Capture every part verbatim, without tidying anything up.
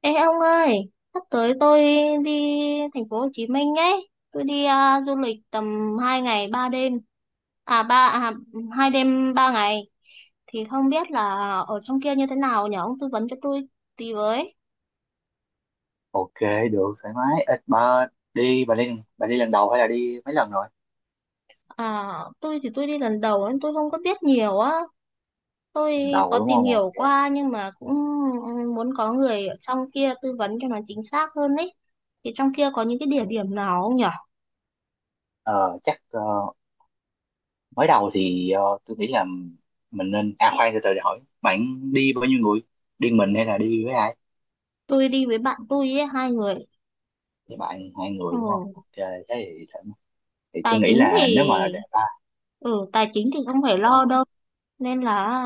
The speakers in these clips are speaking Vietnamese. Ê ông ơi, sắp tới tôi đi thành phố Hồ Chí Minh ấy. Tôi đi à, du lịch tầm hai ngày ba đêm. À ba à, hai đêm ba ngày thì không biết là ở trong kia như thế nào nhỉ? Ông tư vấn cho tôi tí với. Ok, được thoải mái ít. Bà đi bà đi bà đi lần đầu hay là đi mấy lần rồi? À tôi thì tôi đi lần đầu nên tôi không có biết nhiều á. Tôi Lần đầu có đúng tìm không? Ok. hiểu qua nhưng mà cũng muốn có người ở trong kia tư vấn cho nó chính xác hơn ấy. Thì trong kia có những cái địa Ừ. điểm nào không nhỉ? ờ, chắc ờ, mới đầu thì ờ, tôi nghĩ là mình nên, à, khoan từ từ để hỏi bạn đi bao nhiêu người, đi mình hay là đi với ai. Tôi đi với bạn tôi ấy, hai người. Với bạn hai Ừ, người đúng không? Ok, thế thì thoải mái. Thì tài tôi nghĩ chính thì là nếu mà để ba, ừ tài chính thì không phải ờ, lo đâu nên là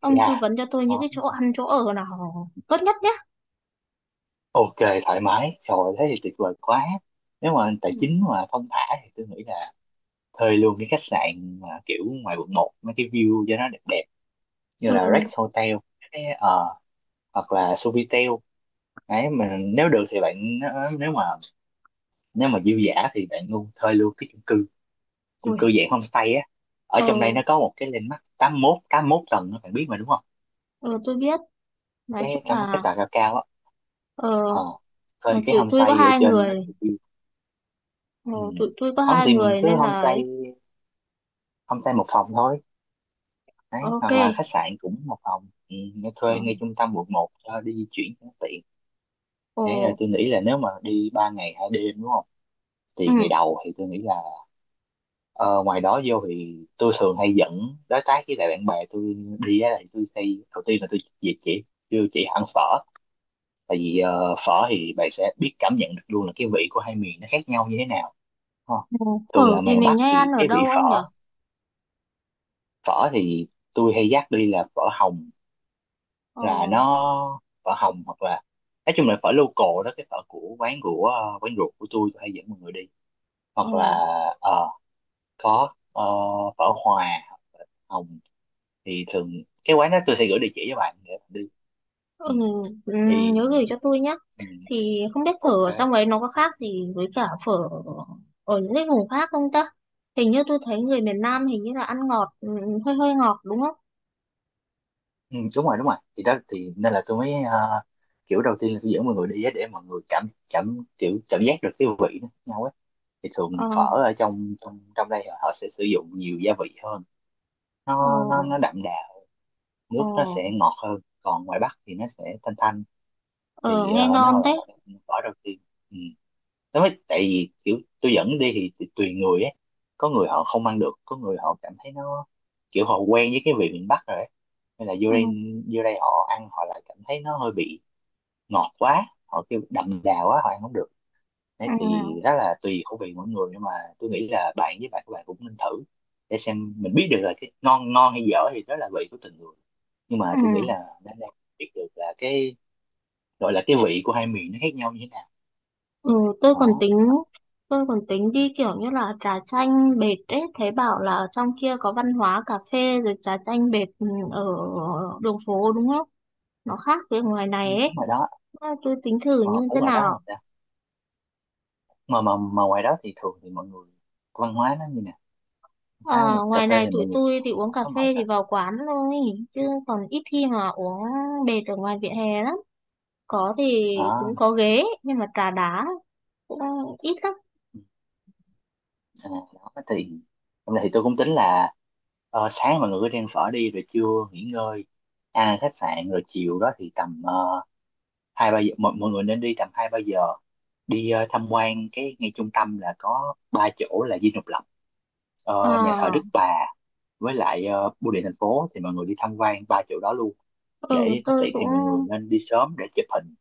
ông yeah. tư vấn cho tôi những Ờ, cái chỗ ăn chỗ ở nào tốt nhất nhé. ok, thoải mái, trời ơi, thế thì tuyệt vời quá. Nếu mà tài Ừ. chính mà thong thả thì tôi nghĩ là thuê luôn cái khách sạn mà kiểu ngoài quận một, mấy cái view cho nó đẹp đẹp, như là Ừ. Rex Hotel, cái, ờ, hoặc là Sofitel. Đấy mình, nếu được thì bạn nếu mà nếu mà dư dả thì bạn luôn thuê luôn cái chung cư, chung cư Ui. dạng homestay á. Ở Ờ. trong đây nó có một cái landmark tám mốt tám mốt tầng đó, bạn biết mà đúng không? Ờ, tôi biết, nói cái chung cái cái là tòa cao cao á. ờ, ờ Thuê ờ, cái tụi tôi có homestay ở hai trên đó người. thì, Ờ, ừ. tụi tôi có Không hai thì mình người cứ nên là homestay ấy. homestay một phòng thôi. Đấy, OK. hoặc là khách sạn cũng một phòng. Ừ, nghe Ờ. thuê ngay trung tâm quận một cho đi di chuyển cho nó tiện. Ờ. Đấy rồi, tôi nghĩ là nếu mà đi ba ngày hai đêm đúng không? Ừ. Thì ngày đầu thì tôi nghĩ là, ờ, ngoài đó vô thì tôi thường hay dẫn đối tác với lại bạn bè tôi đi á. Thì tôi hay đầu tiên là tôi dịp chị, kêu chị ăn phở. Tại vì ờ, phở thì bạn sẽ biết cảm nhận được luôn là cái vị của hai miền nó khác nhau như thế nào, đúng không? Ừ. Thường Phở là thì miền mình Bắc hay thì ăn ở cái vị đâu ông nhỉ? phở phở thì tôi hay dắt đi là phở Hồng, Ờ. là nó phở Hồng. Hoặc là nói chung là phở local đó, cái phở của quán của, ờ, quán ruột của tôi tôi hay dẫn mọi người đi. Ờ. Hoặc là ờ, có ờ, phở Hòa hoặc phở Hồng. Thì thường cái quán đó tôi sẽ gửi địa chỉ cho bạn để bạn đi. Ừ. Ừ. Ừ, nhớ Thì gửi cho tôi nhé. ừ. Thì không biết phở ở Ok. trong ấy nó có khác gì với cả phở ở những cái vùng khác không ta? Hình như tôi thấy người miền Nam hình như là ăn ngọt, ừ, hơi hơi ngọt đúng không? Ừ, đúng rồi, đúng rồi, thì đó thì nên là tôi mới, ờ, kiểu đầu tiên là tôi dẫn mọi người đi á, để mọi người cảm cảm kiểu cảm giác được cái vị nó khác nhau ấy. Thì thường Ờ. phở ở trong trong trong đây họ sẽ sử dụng nhiều gia vị hơn, Ờ. nó nó nó đậm đà, Ờ. nước nó sẽ ngọt hơn, còn ngoài Bắc thì nó sẽ thanh thanh. Ờ, Thì nghe ờ, nếu mà ngon bạn thế. gọi là phở đầu tiên, ừ, nó mới. Tại vì kiểu tôi dẫn đi thì tùy tùy người ấy, có người họ không ăn được, có người họ cảm thấy nó kiểu họ quen với cái vị miền Bắc rồi ấy, nên là vô Ừ. đây, vô đây họ ăn họ lại cảm thấy nó hơi bị ngọt quá, họ kêu đậm đà quá họ ăn không được. Đấy Ừ. thì đó là tùy khẩu vị mỗi người, nhưng mà tôi nghĩ là bạn với bạn, các bạn cũng nên thử, để xem mình biết được là cái ngon ngon hay dở thì đó là vị của từng người. Nhưng Ừ. mà tôi nghĩ là đang đang biết được là cái gọi là cái vị của hai miền nó khác nhau như thế nào. Ừ, tôi còn Đó. tính, tôi còn tính đi kiểu như là trà chanh bệt ấy. Thấy bảo là ở trong kia có văn hóa cà phê rồi trà chanh bệt, ừ, ở đường phố đúng không? Nó khác với ngoài này Nhưng ấy. ở ngoài đó, À, tôi tính thử ờ, như ở thế ngoài đó nào. mà mà mà ngoài đó thì thường thì mọi người văn hóa nó như nè, pha một Ờ, cà ngoài phê này thì tụi mọi người tôi thì uống không cà có ngồi phê thì cà vào quán thôi chứ còn ít khi mà uống bệt ở ngoài vỉa hè lắm, có thì cũng đó. có ghế nhưng mà trà đá cũng ít lắm. Ừ. À, đó thì hôm nay thì tôi cũng tính là, ờ, sáng mọi người cứ đi ăn phở đi rồi trưa nghỉ ngơi, ăn ở khách sạn rồi chiều đó thì tầm, ờ, hai ba giờ, mọi, mọi người nên đi tầm hai ba giờ, đi ờ, tham quan cái ngay trung tâm là có ba chỗ là Dinh Độc Lập, Ờ. ờ, nhà thờ Đức Bà với lại ờ, bưu điện thành phố. Thì mọi người đi tham quan ba chỗ đó luôn Ừ để nó tôi tiện. Thì cũng mọi người nên đi sớm để chụp hình,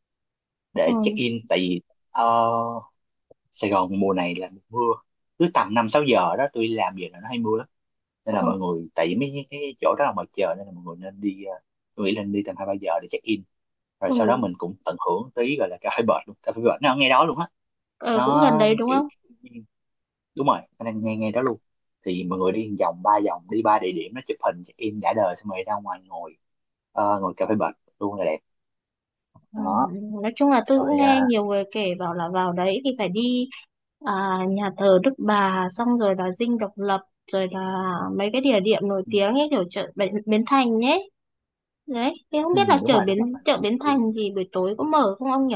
để check ừ. in. Tại vì ờ, Sài Gòn mùa này là mùa mưa, cứ tầm năm sáu giờ đó tôi làm về là nó hay mưa lắm, nên là Ừ. mọi người, tại vì mấy cái chỗ đó là ngoài trời nên là mọi người nên đi, ờ, tôi nghĩ nên đi tầm hai ba giờ để check in, rồi Ừ. sau đó mình cũng tận hưởng tí gọi là cà phê bệt luôn, cà phê bệt nó ở ngay đó luôn á. Ờ, cũng gần Nó đấy đúng kiểu, không? đúng rồi, nó đang ngay ngay đó luôn. Thì mọi người đi một vòng, ba vòng đi ba địa điểm nó, chụp hình check in đã đời xong rồi ra ngoài ngồi, ờ, ngồi cà phê bệt luôn là đẹp. Ờ, Đó nói chung là tôi cũng rồi. À. nghe nhiều người kể bảo là vào đấy thì phải đi à, nhà thờ Đức Bà xong rồi là Dinh Độc Lập rồi là mấy cái địa điểm nổi Ừ. tiếng ấy, kiểu chợ Bến Bến Thành nhé. Đấy, em không Ừ, biết là đúng chợ rồi, đúng Bến rồi chợ đó. Bến Đi. Thành thì buổi tối có mở không ông nhỉ?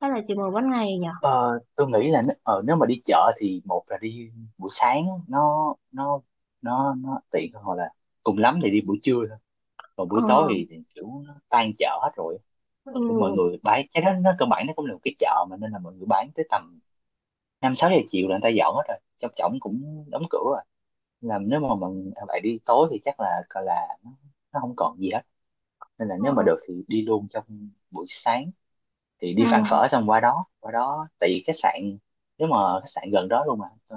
Hay là chỉ mở ban ngày nhỉ? Ờ, tôi nghĩ là nếu, ờ, nếu mà đi chợ thì một là đi buổi sáng, nó nó nó nó tiện hơn, hoặc là cùng lắm thì đi buổi trưa thôi, còn Ờ. buổi tối thì, thì kiểu nó tan chợ hết rồi. Cũng mọi Ừ. người bán cái đó, nó cơ bản nó cũng là một cái chợ mà, nên là mọi người bán tới tầm năm sáu giờ chiều là người ta dọn hết rồi, trong trỏng cũng đóng cửa rồi. Là nếu mà mọi bạn đi tối thì chắc là gọi là nó, nó không còn gì hết, nên là Ờ. nếu mà được thì đi luôn trong buổi sáng, thì Ừ. đi ăn phở xong qua đó, qua đó tại vì khách sạn, nếu mà khách sạn gần đó luôn mà, ờ,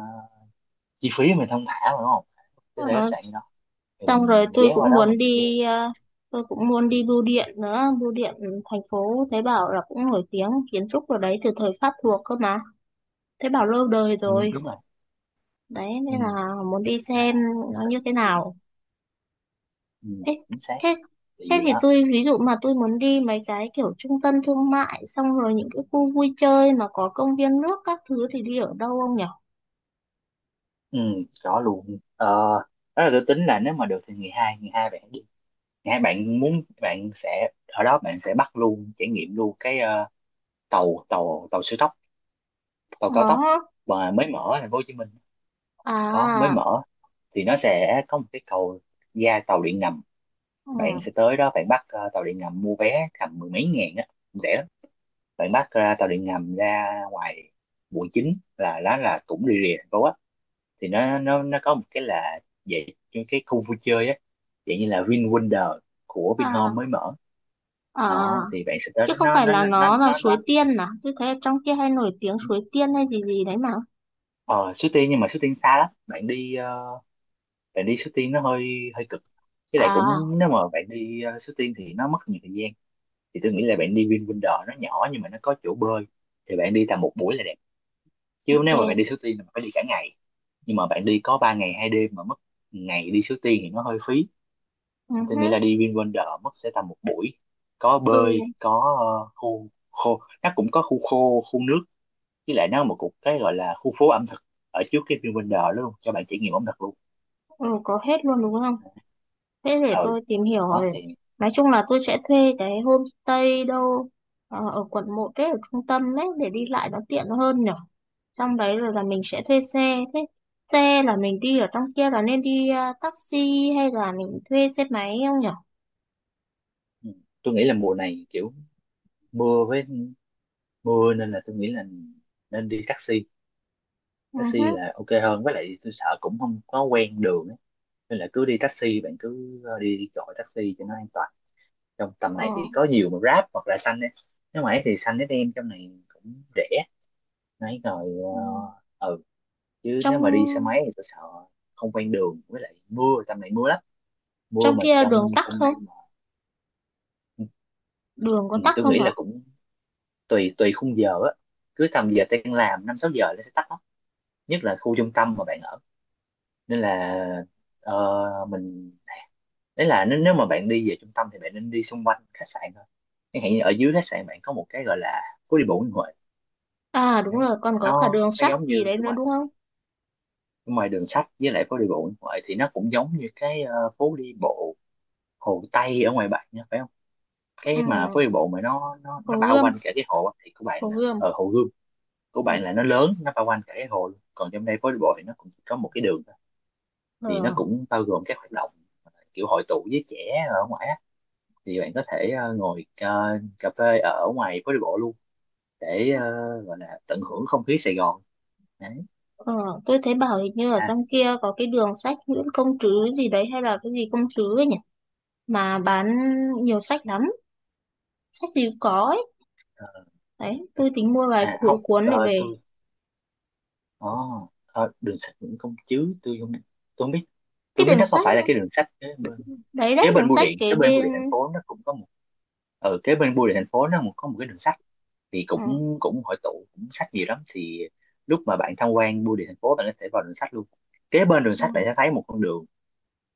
chi phí mình không thả mà đúng không? Có Ờ, thể khách sạn đó thì xong rồi mình tôi ghé qua cũng đó, muốn mình ghé. đi, ờ, tôi cũng muốn đi bưu điện nữa. Bưu điện thành phố thấy bảo là cũng nổi tiếng kiến trúc ở đấy từ thời Pháp thuộc cơ mà. Thấy bảo lâu đời Ừ, rồi. đúng rồi. Đấy, Ừ. nên là muốn đi À, xem nó mình như thế check-in. nào. Ừ, Thế, chính xác. thế, Tại Thế vì thì đó. tôi ví dụ mà tôi muốn đi mấy cái kiểu trung tâm thương mại xong rồi những cái khu vui chơi mà có công viên nước các thứ thì đi ở đâu không nhỉ? Ừ, rõ luôn. ờ, Đó là tôi tính là nếu mà được thì ngày hai, ngày hai bạn đi, ngày hai bạn muốn bạn sẽ ở đó, bạn sẽ bắt luôn trải nghiệm luôn cái ờ, tàu tàu tàu siêu tốc, tàu cao tốc Đó. mà mới mở ở thành phố Hồ Chí Minh, có mới À. mở. Thì nó sẽ có một cái cầu ra tàu điện ngầm, bạn sẽ Ừ. tới đó, bạn bắt ờ, tàu điện ngầm, mua vé tầm mười mấy ngàn á, rẻ lắm. Bạn bắt ra tàu điện ngầm ra ngoài quận chín, là đó là cũng rì rì thành phố á. Thì nó nó nó có một cái là về cái cái khu vui chơi á, dạng như là Vin Wonder của Vinhome À. mới mở. À. Đó thì bạn sẽ tới Chứ đó, không nó phải nó là nó nó nó là nó, Suối nó Tiên à? Tôi thấy ở trong kia hay nổi tiếng Suối Tiên hay gì gì đấy mà. ờ Suối Tiên nhưng mà Suối Tiên xa lắm, bạn đi ờ, bạn đi Suối Tiên nó hơi hơi cực, với lại À, cũng nếu mà bạn đi uh, Suối Tiên thì nó mất nhiều thời gian. Thì tôi nghĩ là bạn đi VinWonder, nó nhỏ nhưng mà nó có chỗ bơi, thì bạn đi tầm một buổi là đẹp. Chứ OK. nếu mà bạn đi Suối Tiên là bạn phải đi cả ngày, nhưng mà bạn đi có ba ngày hai đêm mà mất ngày đi Suối Tiên thì nó hơi phí. Ừ Tôi hứ. nghĩ là đi VinWonder mất sẽ tầm một buổi, có Tôi bơi, có ờ, khu khô, nó cũng có khu khô khu nước, với lại nó là một cục cái gọi là khu phố ẩm thực ở trước cái VinWonder đó luôn cho bạn trải nghiệm ẩm thực luôn. ừ, có hết luôn đúng không? Thế để Ừ, tôi tìm hiểu đó rồi. thì. Nói chung là tôi sẽ thuê cái homestay đâu ờ, ở quận một đấy, ở trung tâm đấy để đi lại nó tiện hơn nhở. Trong đấy rồi là mình sẽ thuê xe. Thế xe là mình đi ở trong kia là nên đi ờ, taxi hay là mình thuê xe máy không nhở? Ừ. Tôi nghĩ là mùa này kiểu mưa với mưa nên là tôi nghĩ là nên đi taxi. Ừ hứ. Taxi là ok hơn với lại tôi sợ cũng không có quen đường ấy. Nên là cứ đi taxi, bạn cứ ờ, đi gọi taxi cho nó an toàn, trong tầm này Ờ. thì có nhiều mà Grab hoặc là Xanh ấy. Nếu mà ấy thì Xanh nó đem trong này cũng rẻ nãy rồi. Ừ. Ờ, ừ. Chứ nếu mà đi xe Trong máy thì tôi sợ không quen đường, với lại mưa tầm này mưa lắm, mưa trong mà kia đường trong tắc trong không? đây mà. Ừ. Đường có Ừ, tắc tôi nghĩ không hả? là cũng tùy tùy khung giờ á, cứ tầm giờ tan làm năm sáu giờ nó sẽ tắt lắm, nhất là khu trung tâm mà bạn ở. Nên là ờ, mình đấy là nếu, nếu mà bạn đi về trung tâm thì bạn nên đi xung quanh khách sạn thôi. Chẳng hạn như ở dưới khách sạn bạn có một cái gọi là phố đi bộ Nguyễn Huệ. À đúng Đấy, rồi, còn nó có cả đường nó sắt giống gì như, đấy đúng nữa rồi, đúng không? ngoài đường sách với lại phố đi bộ Nguyễn Huệ thì nó cũng giống như cái ờ, phố đi bộ Hồ Tây ở ngoài bạn nha, phải không? Ừ, Cái mà phố đi bộ mà nó nó Hồ nó bao Gươm, quanh cả cái hồ á, thì của bạn Hồ là ở Gươm. Hồ Gươm. Của Ừ. bạn là nó lớn, nó bao quanh cả cái hồ luôn. Còn trong đây phố đi bộ thì nó cũng chỉ có một cái đường thôi. Ờ. Thì nó cũng bao gồm các hoạt động, ờ, kiểu hội tụ với trẻ ở ngoài á. Thì bạn có thể ờ, ngồi ờ, cà phê ở ngoài phố đi bộ luôn để ờ, gọi là tận hưởng không khí Sài Gòn. Đấy. Ờ, tôi thấy bảo hình như ở À. trong kia có cái đường sách Nguyễn Công Trứ gì đấy hay là cái gì Công Trứ ấy nhỉ, mà bán nhiều sách lắm, sách gì cũng có ấy. ờ, Đấy tôi tính mua vài À cuốn không, cuốn ờ, để về. tôi, oh, đường sách Nguyễn Công Trứ tôi không, tôi không biết, tôi Cái không biết đường nó có sách phải là nó- cái đường sách kế bên, đấy kế đấy bên đường bưu sách điện, kế kế bên bưu bên. điện thành phố nó cũng có một, ở kế bên bưu điện thành phố nó một- có một cái đường sách. Thì Ừ. cũng cũng hội tụ, cũng sách nhiều lắm, thì lúc mà bạn tham quan bưu điện thành phố bạn có thể vào đường sách luôn. Kế bên đường Ừ. sách bạn sẽ thấy một con đường,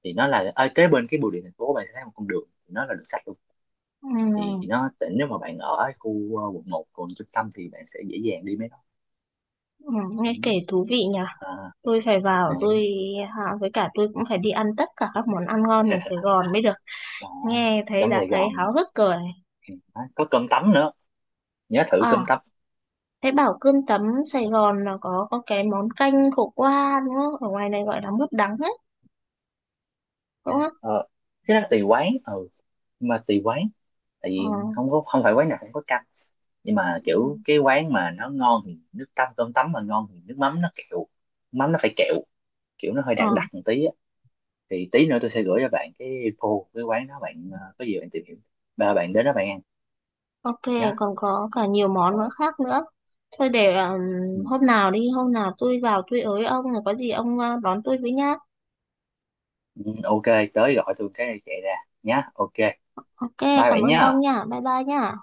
thì nó là ở kế bên cái bưu điện thành phố, bạn sẽ thấy một con đường thì nó là đường sắt luôn. Ừ. Thì nó, nếu mà bạn ở khu ờ, quận một, quận trung tâm thì bạn sẽ dễ dàng đi mấy đó. Ừ, Ừ. nghe kể thú vị nhỉ. À, Tôi phải vào này. tôi à, với cả tôi cũng phải đi ăn tất cả các món ăn ngon ở Sài Gòn mới được. Đó. Nghe thấy Trong đã Sài thấy Gòn mà. háo hức rồi. Ừ. Đó, có cơm tấm nữa, nhớ thử cơm À. tấm. Thế bảo cơm tấm Sài Gòn là có có cái món canh khổ qua đúng không? Ở ngoài này gọi là mướp đắng đấy, À. đúng không? Ờ, cái đó tùy quán, ừ, nhưng mà tùy quán. Tại Ờ. vì không có không phải quán nào cũng có canh. Nhưng mà Ừ. kiểu cái quán mà nó ngon thì nước tăm cơm tấm mà ngon thì nước mắm nó kẹo, mắm nó phải kẹo, kiểu nó hơi Ờ, đặc đặc một tí. Thì tí nữa tôi sẽ gửi cho bạn cái info cái quán đó, bạn ờ, có gì bạn tìm hiểu, ba bạn đến đó bạn ăn OK, nhá. còn có cả nhiều món nữa Rồi. khác nữa. Thôi để um, Ừ. hôm nào đi, hôm nào tôi vào tôi ới ông rồi có gì ông uh, đón tôi với nhá. Ừ, ok, tới gọi tôi cái chạy ra nhá. Ok, OK, bye cảm bạn ơn nhá. ông nha. Bye bye nha.